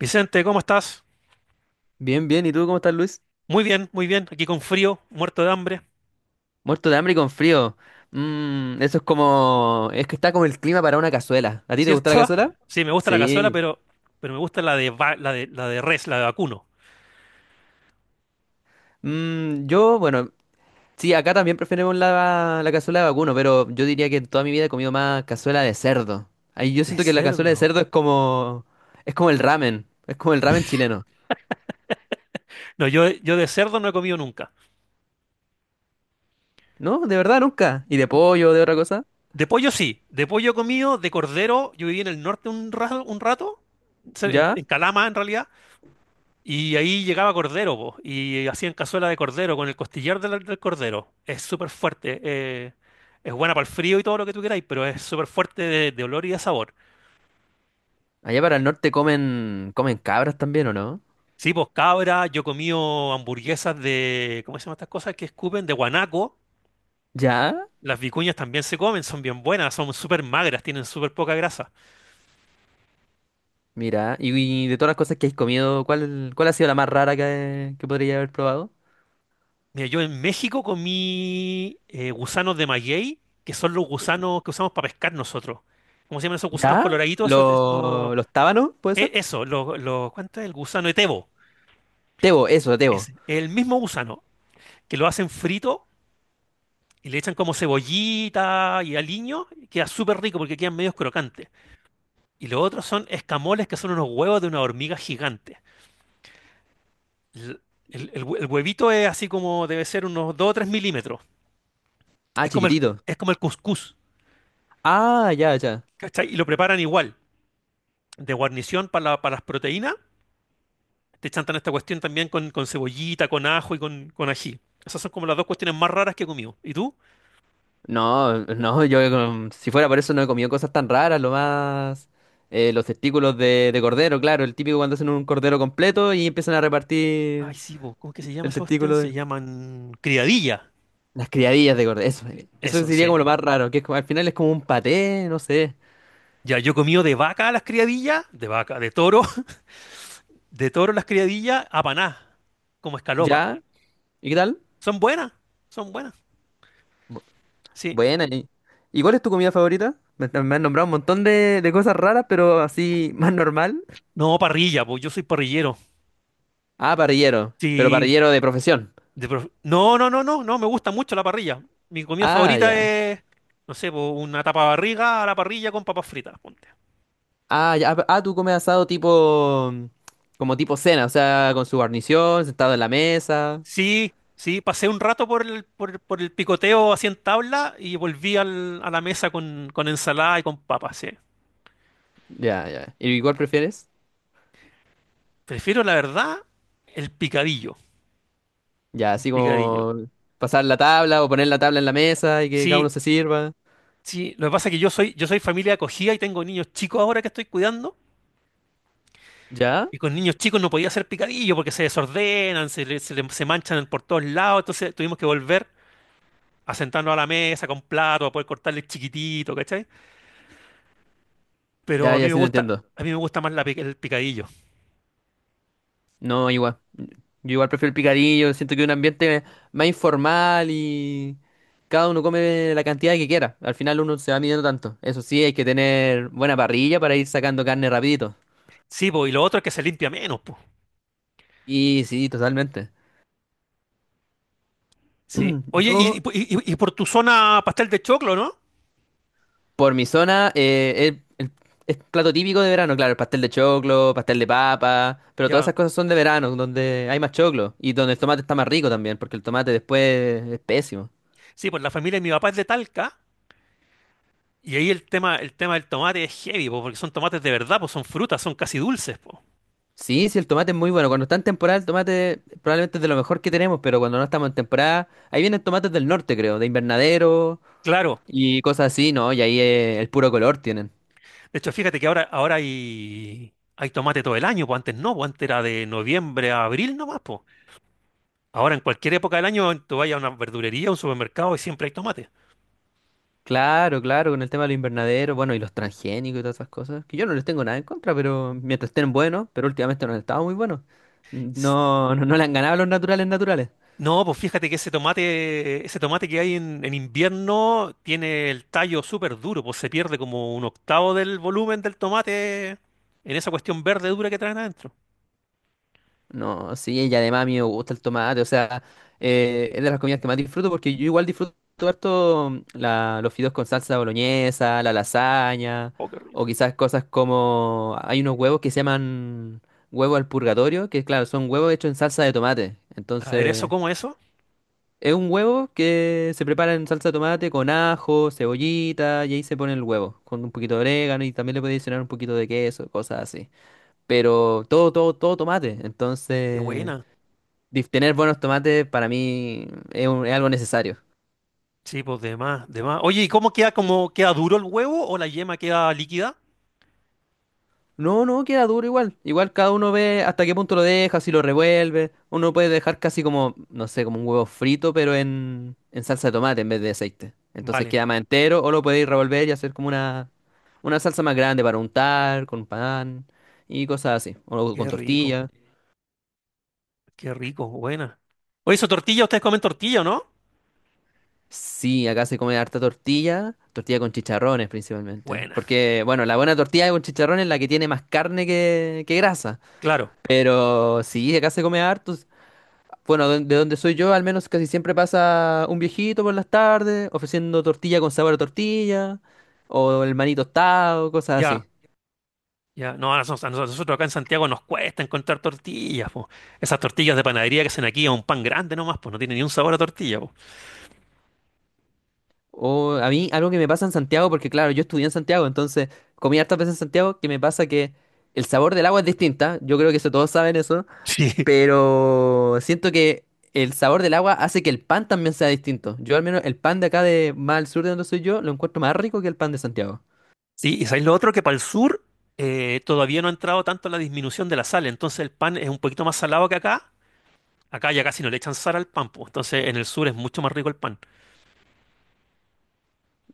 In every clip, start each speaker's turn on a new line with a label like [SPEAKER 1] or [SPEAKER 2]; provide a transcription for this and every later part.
[SPEAKER 1] Vicente, ¿cómo estás?
[SPEAKER 2] Bien, bien. ¿Y tú cómo estás, Luis?
[SPEAKER 1] Muy bien, muy bien. Aquí con frío, muerto de hambre,
[SPEAKER 2] Muerto de hambre y con frío. Eso es como... Es que está como el clima para una cazuela. ¿A ti te gusta la
[SPEAKER 1] ¿cierto?
[SPEAKER 2] cazuela?
[SPEAKER 1] Sí, me gusta la cazuela,
[SPEAKER 2] Sí.
[SPEAKER 1] pero me gusta la de res, la de vacuno.
[SPEAKER 2] Mm, yo, bueno, sí, acá también preferimos la cazuela de vacuno, pero yo diría que en toda mi vida he comido más cazuela de cerdo. Ahí yo
[SPEAKER 1] De
[SPEAKER 2] siento que la cazuela de
[SPEAKER 1] cerdo.
[SPEAKER 2] cerdo es como... Es como el ramen. Es como el ramen chileno.
[SPEAKER 1] No, yo de cerdo no he comido nunca.
[SPEAKER 2] No, de verdad, nunca. ¿Y de pollo, de otra cosa?
[SPEAKER 1] De pollo sí, de pollo he comido, de cordero. Yo viví en el norte un rato, se- en,
[SPEAKER 2] ¿Ya?
[SPEAKER 1] en Calama en realidad, y ahí llegaba cordero, po, y hacían cazuela de cordero con el costillar del cordero. Es súper fuerte. Es buena para el frío y todo lo que tú queráis, pero es súper fuerte de olor y de sabor.
[SPEAKER 2] Allá para el norte comen... comen cabras también, ¿o no?
[SPEAKER 1] Sí, pues cabra, yo he comido hamburguesas de, ¿cómo se llaman estas cosas que escupen? De guanaco.
[SPEAKER 2] ¿Ya?
[SPEAKER 1] Las vicuñas también se comen, son bien buenas, son súper magras, tienen súper poca grasa.
[SPEAKER 2] Mira, y de todas las cosas que has comido, ¿cuál ha sido la más rara que podría haber probado?
[SPEAKER 1] Mira, yo en México comí gusanos de maguey, que son los gusanos que usamos para pescar nosotros. ¿Cómo se llaman esos gusanos
[SPEAKER 2] ¿Ya?
[SPEAKER 1] coloraditos? Eso, eso.
[SPEAKER 2] Los tábanos, puede ser?
[SPEAKER 1] ¿Cuánto es el gusano etebo?
[SPEAKER 2] Tebo, eso, tebo.
[SPEAKER 1] Es el mismo gusano, que lo hacen frito y le echan como cebollita y aliño, y queda súper rico porque quedan medios crocantes. Y lo otro son escamoles que son unos huevos de una hormiga gigante. L- el huevito es así como debe ser unos 2 o 3 milímetros.
[SPEAKER 2] Ah,
[SPEAKER 1] Es como el,
[SPEAKER 2] chiquitito.
[SPEAKER 1] es como el cuscús,
[SPEAKER 2] Ah, ya, ya.
[SPEAKER 1] ¿cachai? Y lo preparan igual, de guarnición para las proteínas. Te chantan esta cuestión también con cebollita, con ajo y con ají. Esas son como las dos cuestiones más raras que he comido. ¿Y tú?
[SPEAKER 2] No, no, yo, si fuera por eso no he comido cosas tan raras, lo más... los testículos de cordero, claro, el típico cuando hacen un cordero completo y empiezan a
[SPEAKER 1] Ay,
[SPEAKER 2] repartir
[SPEAKER 1] sí, po, ¿cómo que se llama
[SPEAKER 2] el
[SPEAKER 1] esa cuestión?
[SPEAKER 2] testículo de...
[SPEAKER 1] Se llaman criadilla.
[SPEAKER 2] Las criadillas de cordero, eso, eso
[SPEAKER 1] Eso,
[SPEAKER 2] sería como
[SPEAKER 1] sí.
[SPEAKER 2] lo más raro, que es como- al final es como un paté, no sé.
[SPEAKER 1] Ya, yo he comido de vaca las criadillas, de vaca, de toro, de toro las criadillas, apaná, como escalopa.
[SPEAKER 2] ¿Ya? ¿Y qué tal?
[SPEAKER 1] Son buenas, son buenas. Sí.
[SPEAKER 2] Buena. ¿Y cuál es tu comida favorita? Me han nombrado un montón de cosas raras, pero así más normal.
[SPEAKER 1] No, parrilla, pues yo soy parrillero.
[SPEAKER 2] Ah, parrillero. Pero
[SPEAKER 1] Sí.
[SPEAKER 2] parrillero de profesión.
[SPEAKER 1] No, no, no, no, no, me gusta mucho la parrilla. Mi comida
[SPEAKER 2] Ah,
[SPEAKER 1] favorita
[SPEAKER 2] ya.
[SPEAKER 1] es, no sé, pues, una tapa barriga a la parrilla con papas fritas, ponte.
[SPEAKER 2] Ah, ya. Ah, tú comes asado tipo... Como tipo cena, o sea, con su guarnición, sentado en la mesa.
[SPEAKER 1] Sí, sí, pasé un rato por el picoteo así en tabla y volví a la mesa con ensalada y con papas, sí.
[SPEAKER 2] Ya, ya. ¿Y cuál prefieres?
[SPEAKER 1] Prefiero, la verdad, el picadillo.
[SPEAKER 2] Ya,
[SPEAKER 1] El
[SPEAKER 2] así
[SPEAKER 1] picadillo.
[SPEAKER 2] como pasar la tabla o poner la tabla en la mesa y que cada uno
[SPEAKER 1] Sí,
[SPEAKER 2] se sirva.
[SPEAKER 1] sí, lo que pasa es que yo soy familia acogida y tengo niños chicos ahora que estoy cuidando.
[SPEAKER 2] ¿Ya?
[SPEAKER 1] Y con niños chicos no podía hacer picadillo porque se desordenan, se manchan por todos lados. Entonces tuvimos que volver a sentarnos a la mesa con plato, a poder cortarle chiquitito, ¿cachai? Pero
[SPEAKER 2] Ya,
[SPEAKER 1] a mí
[SPEAKER 2] ya,
[SPEAKER 1] me
[SPEAKER 2] sí te
[SPEAKER 1] gusta,
[SPEAKER 2] entiendo.
[SPEAKER 1] a mí me gusta más el picadillo.
[SPEAKER 2] No, igual. Yo igual prefiero el picadillo, siento que es un ambiente más informal y cada uno come la cantidad que quiera. Al final uno se va midiendo tanto. Eso sí, hay que tener buena parrilla para ir sacando carne rapidito.
[SPEAKER 1] Sí, pues, y lo otro es que se limpia menos, pues.
[SPEAKER 2] Y sí, totalmente.
[SPEAKER 1] Sí. Oye,
[SPEAKER 2] Yo,
[SPEAKER 1] por tu zona pastel de choclo, ¿no?
[SPEAKER 2] por mi zona, es plato típico de verano, claro, el pastel de choclo, pastel de papa, pero todas
[SPEAKER 1] Ya.
[SPEAKER 2] esas cosas son de verano, donde hay más choclo y donde el tomate está más rico también, porque el tomate después es pésimo.
[SPEAKER 1] Sí, pues la familia de mi papá es de Talca. Y ahí el tema del tomate es heavy, po, porque son tomates de verdad, pues son frutas, son casi dulces, pues.
[SPEAKER 2] Sí, sí, el tomate es muy bueno. Cuando está en temporada, el tomate probablemente es de lo mejor que tenemos, pero cuando no estamos en temporada, ahí vienen tomates del norte, creo, de invernadero
[SPEAKER 1] Claro.
[SPEAKER 2] y cosas así, ¿no? Y ahí el puro color tienen.
[SPEAKER 1] De hecho, fíjate que ahora hay tomate todo el año, pues antes no, pues antes era de noviembre a abril nomás, pues. Ahora en cualquier época del año tú vayas a una verdulería, a un supermercado y siempre hay tomate.
[SPEAKER 2] Claro, claro, con el tema de los invernaderos, bueno, y los transgénicos y todas esas cosas, que yo no les tengo nada en contra, pero mientras estén buenos, pero últimamente no han estado muy buenos.
[SPEAKER 1] S-
[SPEAKER 2] No le han ganado a los naturales naturales.
[SPEAKER 1] No, pues fíjate que ese tomate que hay en invierno tiene el tallo súper duro, pues se pierde como un octavo del volumen del tomate en esa cuestión verde dura que traen adentro.
[SPEAKER 2] No, sí, y además a mí me gusta el tomate, o sea, es de las comidas que más disfruto porque yo igual disfruto harto, los fideos con salsa boloñesa, la lasaña,
[SPEAKER 1] Oh, qué
[SPEAKER 2] o
[SPEAKER 1] rico.
[SPEAKER 2] quizás cosas como, hay unos huevos que se llaman huevo al purgatorio, que claro, son huevos hechos en salsa de tomate,
[SPEAKER 1] A ver, ¿eso
[SPEAKER 2] entonces
[SPEAKER 1] cómo eso?
[SPEAKER 2] es un huevo que se prepara en salsa de tomate con ajo, cebollita, y ahí se pone el huevo, con un poquito de orégano y también le puede adicionar un poquito de queso, cosas así, pero todo tomate,
[SPEAKER 1] Qué
[SPEAKER 2] entonces
[SPEAKER 1] buena.
[SPEAKER 2] tener buenos tomates para mí es algo necesario.
[SPEAKER 1] Sí, pues de más, de más. Oye, ¿y cómo queda duro el huevo o la yema queda líquida?
[SPEAKER 2] No, no, queda duro igual. Igual cada uno ve hasta qué punto lo deja, si lo revuelve. Uno puede dejar casi como, no sé, como un huevo frito, pero en salsa de tomate en vez de aceite. Entonces
[SPEAKER 1] Vale.
[SPEAKER 2] queda más entero o lo podéis revolver y hacer como una salsa más grande para untar, con pan y cosas así. O
[SPEAKER 1] Qué
[SPEAKER 2] con
[SPEAKER 1] rico,
[SPEAKER 2] tortilla.
[SPEAKER 1] qué rico, buena. Oye, eso tortilla, ustedes comen tortilla, ¿o no?
[SPEAKER 2] Sí, acá se come harta tortilla, tortilla con chicharrones principalmente.
[SPEAKER 1] Buena,
[SPEAKER 2] Porque, bueno, la buena tortilla con chicharrones es la que tiene más carne que grasa.
[SPEAKER 1] claro,
[SPEAKER 2] Pero sí, acá se come harto. Bueno, de donde soy yo, al menos casi siempre pasa un viejito por las tardes ofreciendo tortilla con sabor a tortilla, o el maní tostado, cosas
[SPEAKER 1] ya,
[SPEAKER 2] así.
[SPEAKER 1] ya. No, a nosotros acá en Santiago nos cuesta encontrar tortillas, po. Esas tortillas de panadería que hacen aquí a un pan grande nomás, pues no tiene ni un sabor a tortilla, po.
[SPEAKER 2] O a mí, algo que me pasa en Santiago, porque claro, yo estudié en Santiago, entonces comí hartas veces en Santiago, que me pasa que el sabor del agua es distinta. Yo creo que eso todos saben eso,
[SPEAKER 1] Sí,
[SPEAKER 2] pero siento que el sabor del agua hace que el pan también sea distinto. Yo, al menos, el pan de acá, de más al sur de donde soy yo, lo encuentro más rico que el pan de Santiago.
[SPEAKER 1] sí, y sabéis lo otro que para el sur todavía no ha entrado tanto la disminución de la sal, entonces el pan es un poquito más salado que acá. Acá ya casi no le echan sal al pan, pues. Entonces en el sur es mucho más rico el pan.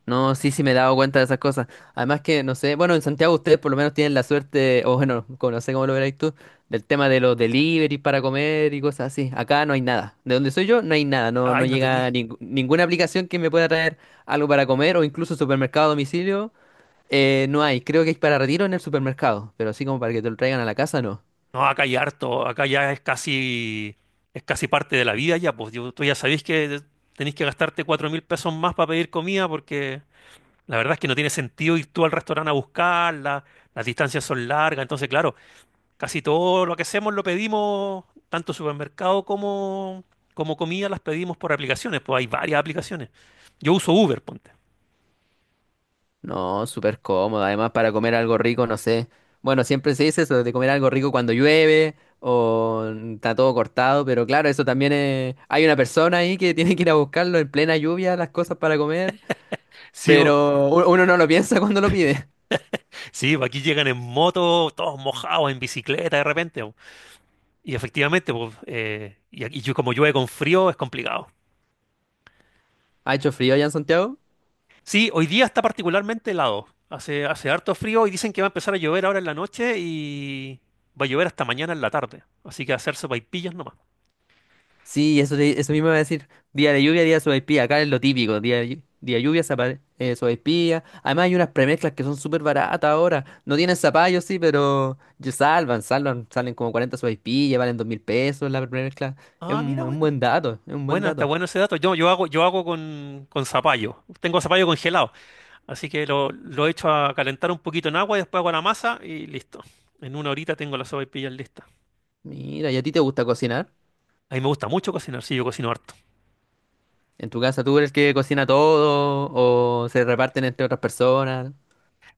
[SPEAKER 2] No, sí, sí me he dado cuenta de esas cosas. Además que, no sé, bueno, en Santiago ustedes por lo menos tienen la suerte, o bueno, no sé cómo lo veréis tú, del tema de los delivery para comer y cosas así. Acá no hay nada. De donde soy yo, no hay nada. No, no
[SPEAKER 1] Ay, no tenía.
[SPEAKER 2] llega ninguna aplicación que me pueda traer algo para comer o incluso supermercado a domicilio. No hay. Creo que hay para retiro en el supermercado, pero así como para que te lo traigan a la casa, no.
[SPEAKER 1] No, acá hay harto, acá ya es casi, parte de la vida ya, pues tú ya sabéis que tenéis que gastarte $4.000 más para pedir comida porque la verdad es que no tiene sentido ir tú al restaurante a buscarla, las distancias son largas, entonces claro, casi todo lo que hacemos lo pedimos, tanto supermercado como comida las pedimos por aplicaciones, pues hay varias aplicaciones. Yo uso Uber, ponte.
[SPEAKER 2] No, súper cómodo. Además, para comer algo rico, no sé. Bueno, siempre se dice eso de comer algo rico cuando llueve o está todo cortado, pero claro, eso también es... Hay una persona ahí que tiene que ir a buscarlo en plena lluvia, las cosas para comer,
[SPEAKER 1] Sí, po,
[SPEAKER 2] pero uno no lo piensa cuando lo pide.
[SPEAKER 1] sí, po, aquí llegan en moto, todos mojados, en bicicleta de repente. Y efectivamente, pues, como llueve con frío, es complicado.
[SPEAKER 2] ¿Ha hecho frío allá en Santiago?
[SPEAKER 1] Sí, hoy día está particularmente helado. Hace harto frío y dicen que va a empezar a llover ahora en la noche y va a llover hasta mañana en la tarde. Así que hacer sopaipillas nomás.
[SPEAKER 2] Sí, eso, eso mismo iba a decir. Día de lluvia, día de sopaipilla. Acá es lo típico. Día de lluvia, sopaipilla. Además, hay unas premezclas que son súper baratas ahora. No tienen zapallo, sí, pero ya salvan, salvan. Salen como 40 sopaipillas, valen 2.000 pesos la premezcla. Es
[SPEAKER 1] Ah, mira,
[SPEAKER 2] un
[SPEAKER 1] bueno.
[SPEAKER 2] buen dato, es un buen
[SPEAKER 1] Buena, está
[SPEAKER 2] dato.
[SPEAKER 1] bueno ese dato. Yo hago con zapallo. Tengo zapallo congelado. Así que lo echo a calentar un poquito en agua y después hago la masa y listo. En una horita tengo las sopaipillas listas.
[SPEAKER 2] Mira, ¿y a ti te gusta cocinar?
[SPEAKER 1] A mí me gusta mucho cocinar, sí, yo cocino harto.
[SPEAKER 2] ¿En tu casa tú eres el que cocina todo o se reparten entre otras personas?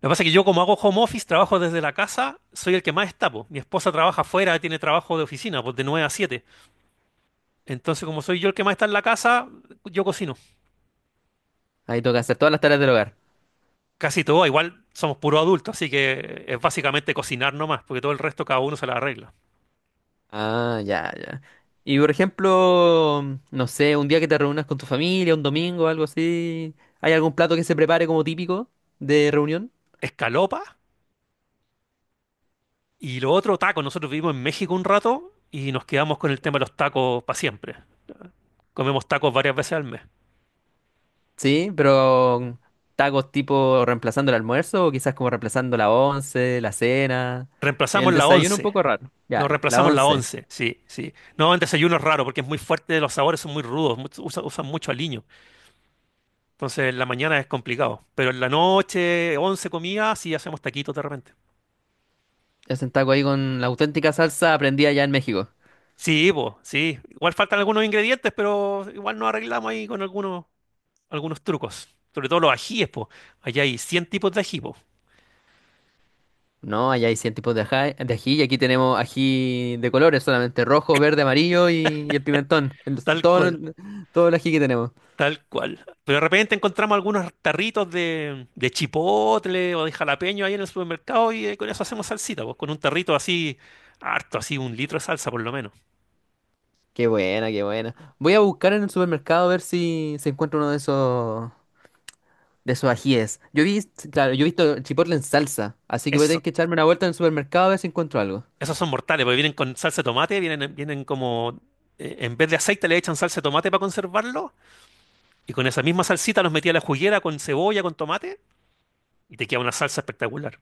[SPEAKER 1] Lo que pasa es que yo como hago home office, trabajo desde la casa, soy el que más está, po. Mi esposa trabaja afuera, tiene trabajo de oficina, pues de 9 a 7. Entonces, como soy yo el que más está en la casa, yo cocino.
[SPEAKER 2] Ahí toca hacer todas las tareas del hogar.
[SPEAKER 1] Casi todo, igual somos puros adultos, así que es básicamente cocinar nomás, porque todo el resto cada uno se la arregla.
[SPEAKER 2] Ah, ya, ya. Y por ejemplo, no sé, un día que te reúnas con tu familia, un domingo, algo así, ¿hay algún plato que se prepare como típico de reunión?
[SPEAKER 1] Escalopa y lo otro, tacos. Nosotros vivimos en México un rato y nos quedamos con el tema de los tacos para siempre. Comemos tacos varias veces al mes.
[SPEAKER 2] Sí, pero tacos tipo reemplazando el almuerzo o quizás como reemplazando la once, la cena. El
[SPEAKER 1] Reemplazamos la
[SPEAKER 2] desayuno un
[SPEAKER 1] once.
[SPEAKER 2] poco raro. Ya,
[SPEAKER 1] Nos
[SPEAKER 2] la
[SPEAKER 1] reemplazamos la
[SPEAKER 2] once.
[SPEAKER 1] once, sí, sí. No, el desayuno es raro porque es muy fuerte, los sabores son muy rudos, usan mucho aliño. Entonces, en la mañana es complicado. Pero en la noche, 11 comidas, sí hacemos taquitos de repente.
[SPEAKER 2] Es un taco ahí con la auténtica salsa aprendida allá en México.
[SPEAKER 1] Sí, pues, sí. Igual faltan algunos ingredientes, pero igual nos arreglamos ahí con algunos trucos. Sobre todo los ajíes, pues. Allá hay 100 tipos de ají, po.
[SPEAKER 2] No, allá hay 100 tipos de ají y aquí tenemos ají de colores, solamente rojo, verde, amarillo y el pimentón.
[SPEAKER 1] Tal cual.
[SPEAKER 2] Todo el ají que tenemos.
[SPEAKER 1] Tal cual. Pero de repente encontramos algunos tarritos de chipotle o de jalapeño ahí en el supermercado y con eso hacemos salsita, pues con un tarrito así, harto, así 1 litro de salsa por lo menos.
[SPEAKER 2] Qué buena, qué buena. Voy a buscar en el supermercado a ver si se encuentra uno de esos ajíes. Yo vi, claro, yo he visto el chipotle en salsa, así que voy a tener
[SPEAKER 1] Eso,
[SPEAKER 2] que echarme una vuelta en el supermercado a ver si encuentro algo.
[SPEAKER 1] esos son mortales, porque vienen con salsa de tomate, vienen como, en vez de aceite le echan salsa de tomate para conservarlo y con esa misma salsita los metí a la juguera con cebolla, con tomate y te queda una salsa espectacular.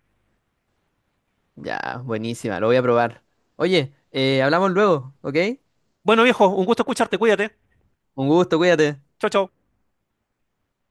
[SPEAKER 2] Ya, buenísima, lo voy a probar. Oye, hablamos luego, ¿ok?
[SPEAKER 1] Bueno, viejo, un gusto escucharte, cuídate.
[SPEAKER 2] Un gusto, cuídate.
[SPEAKER 1] Chao, chao.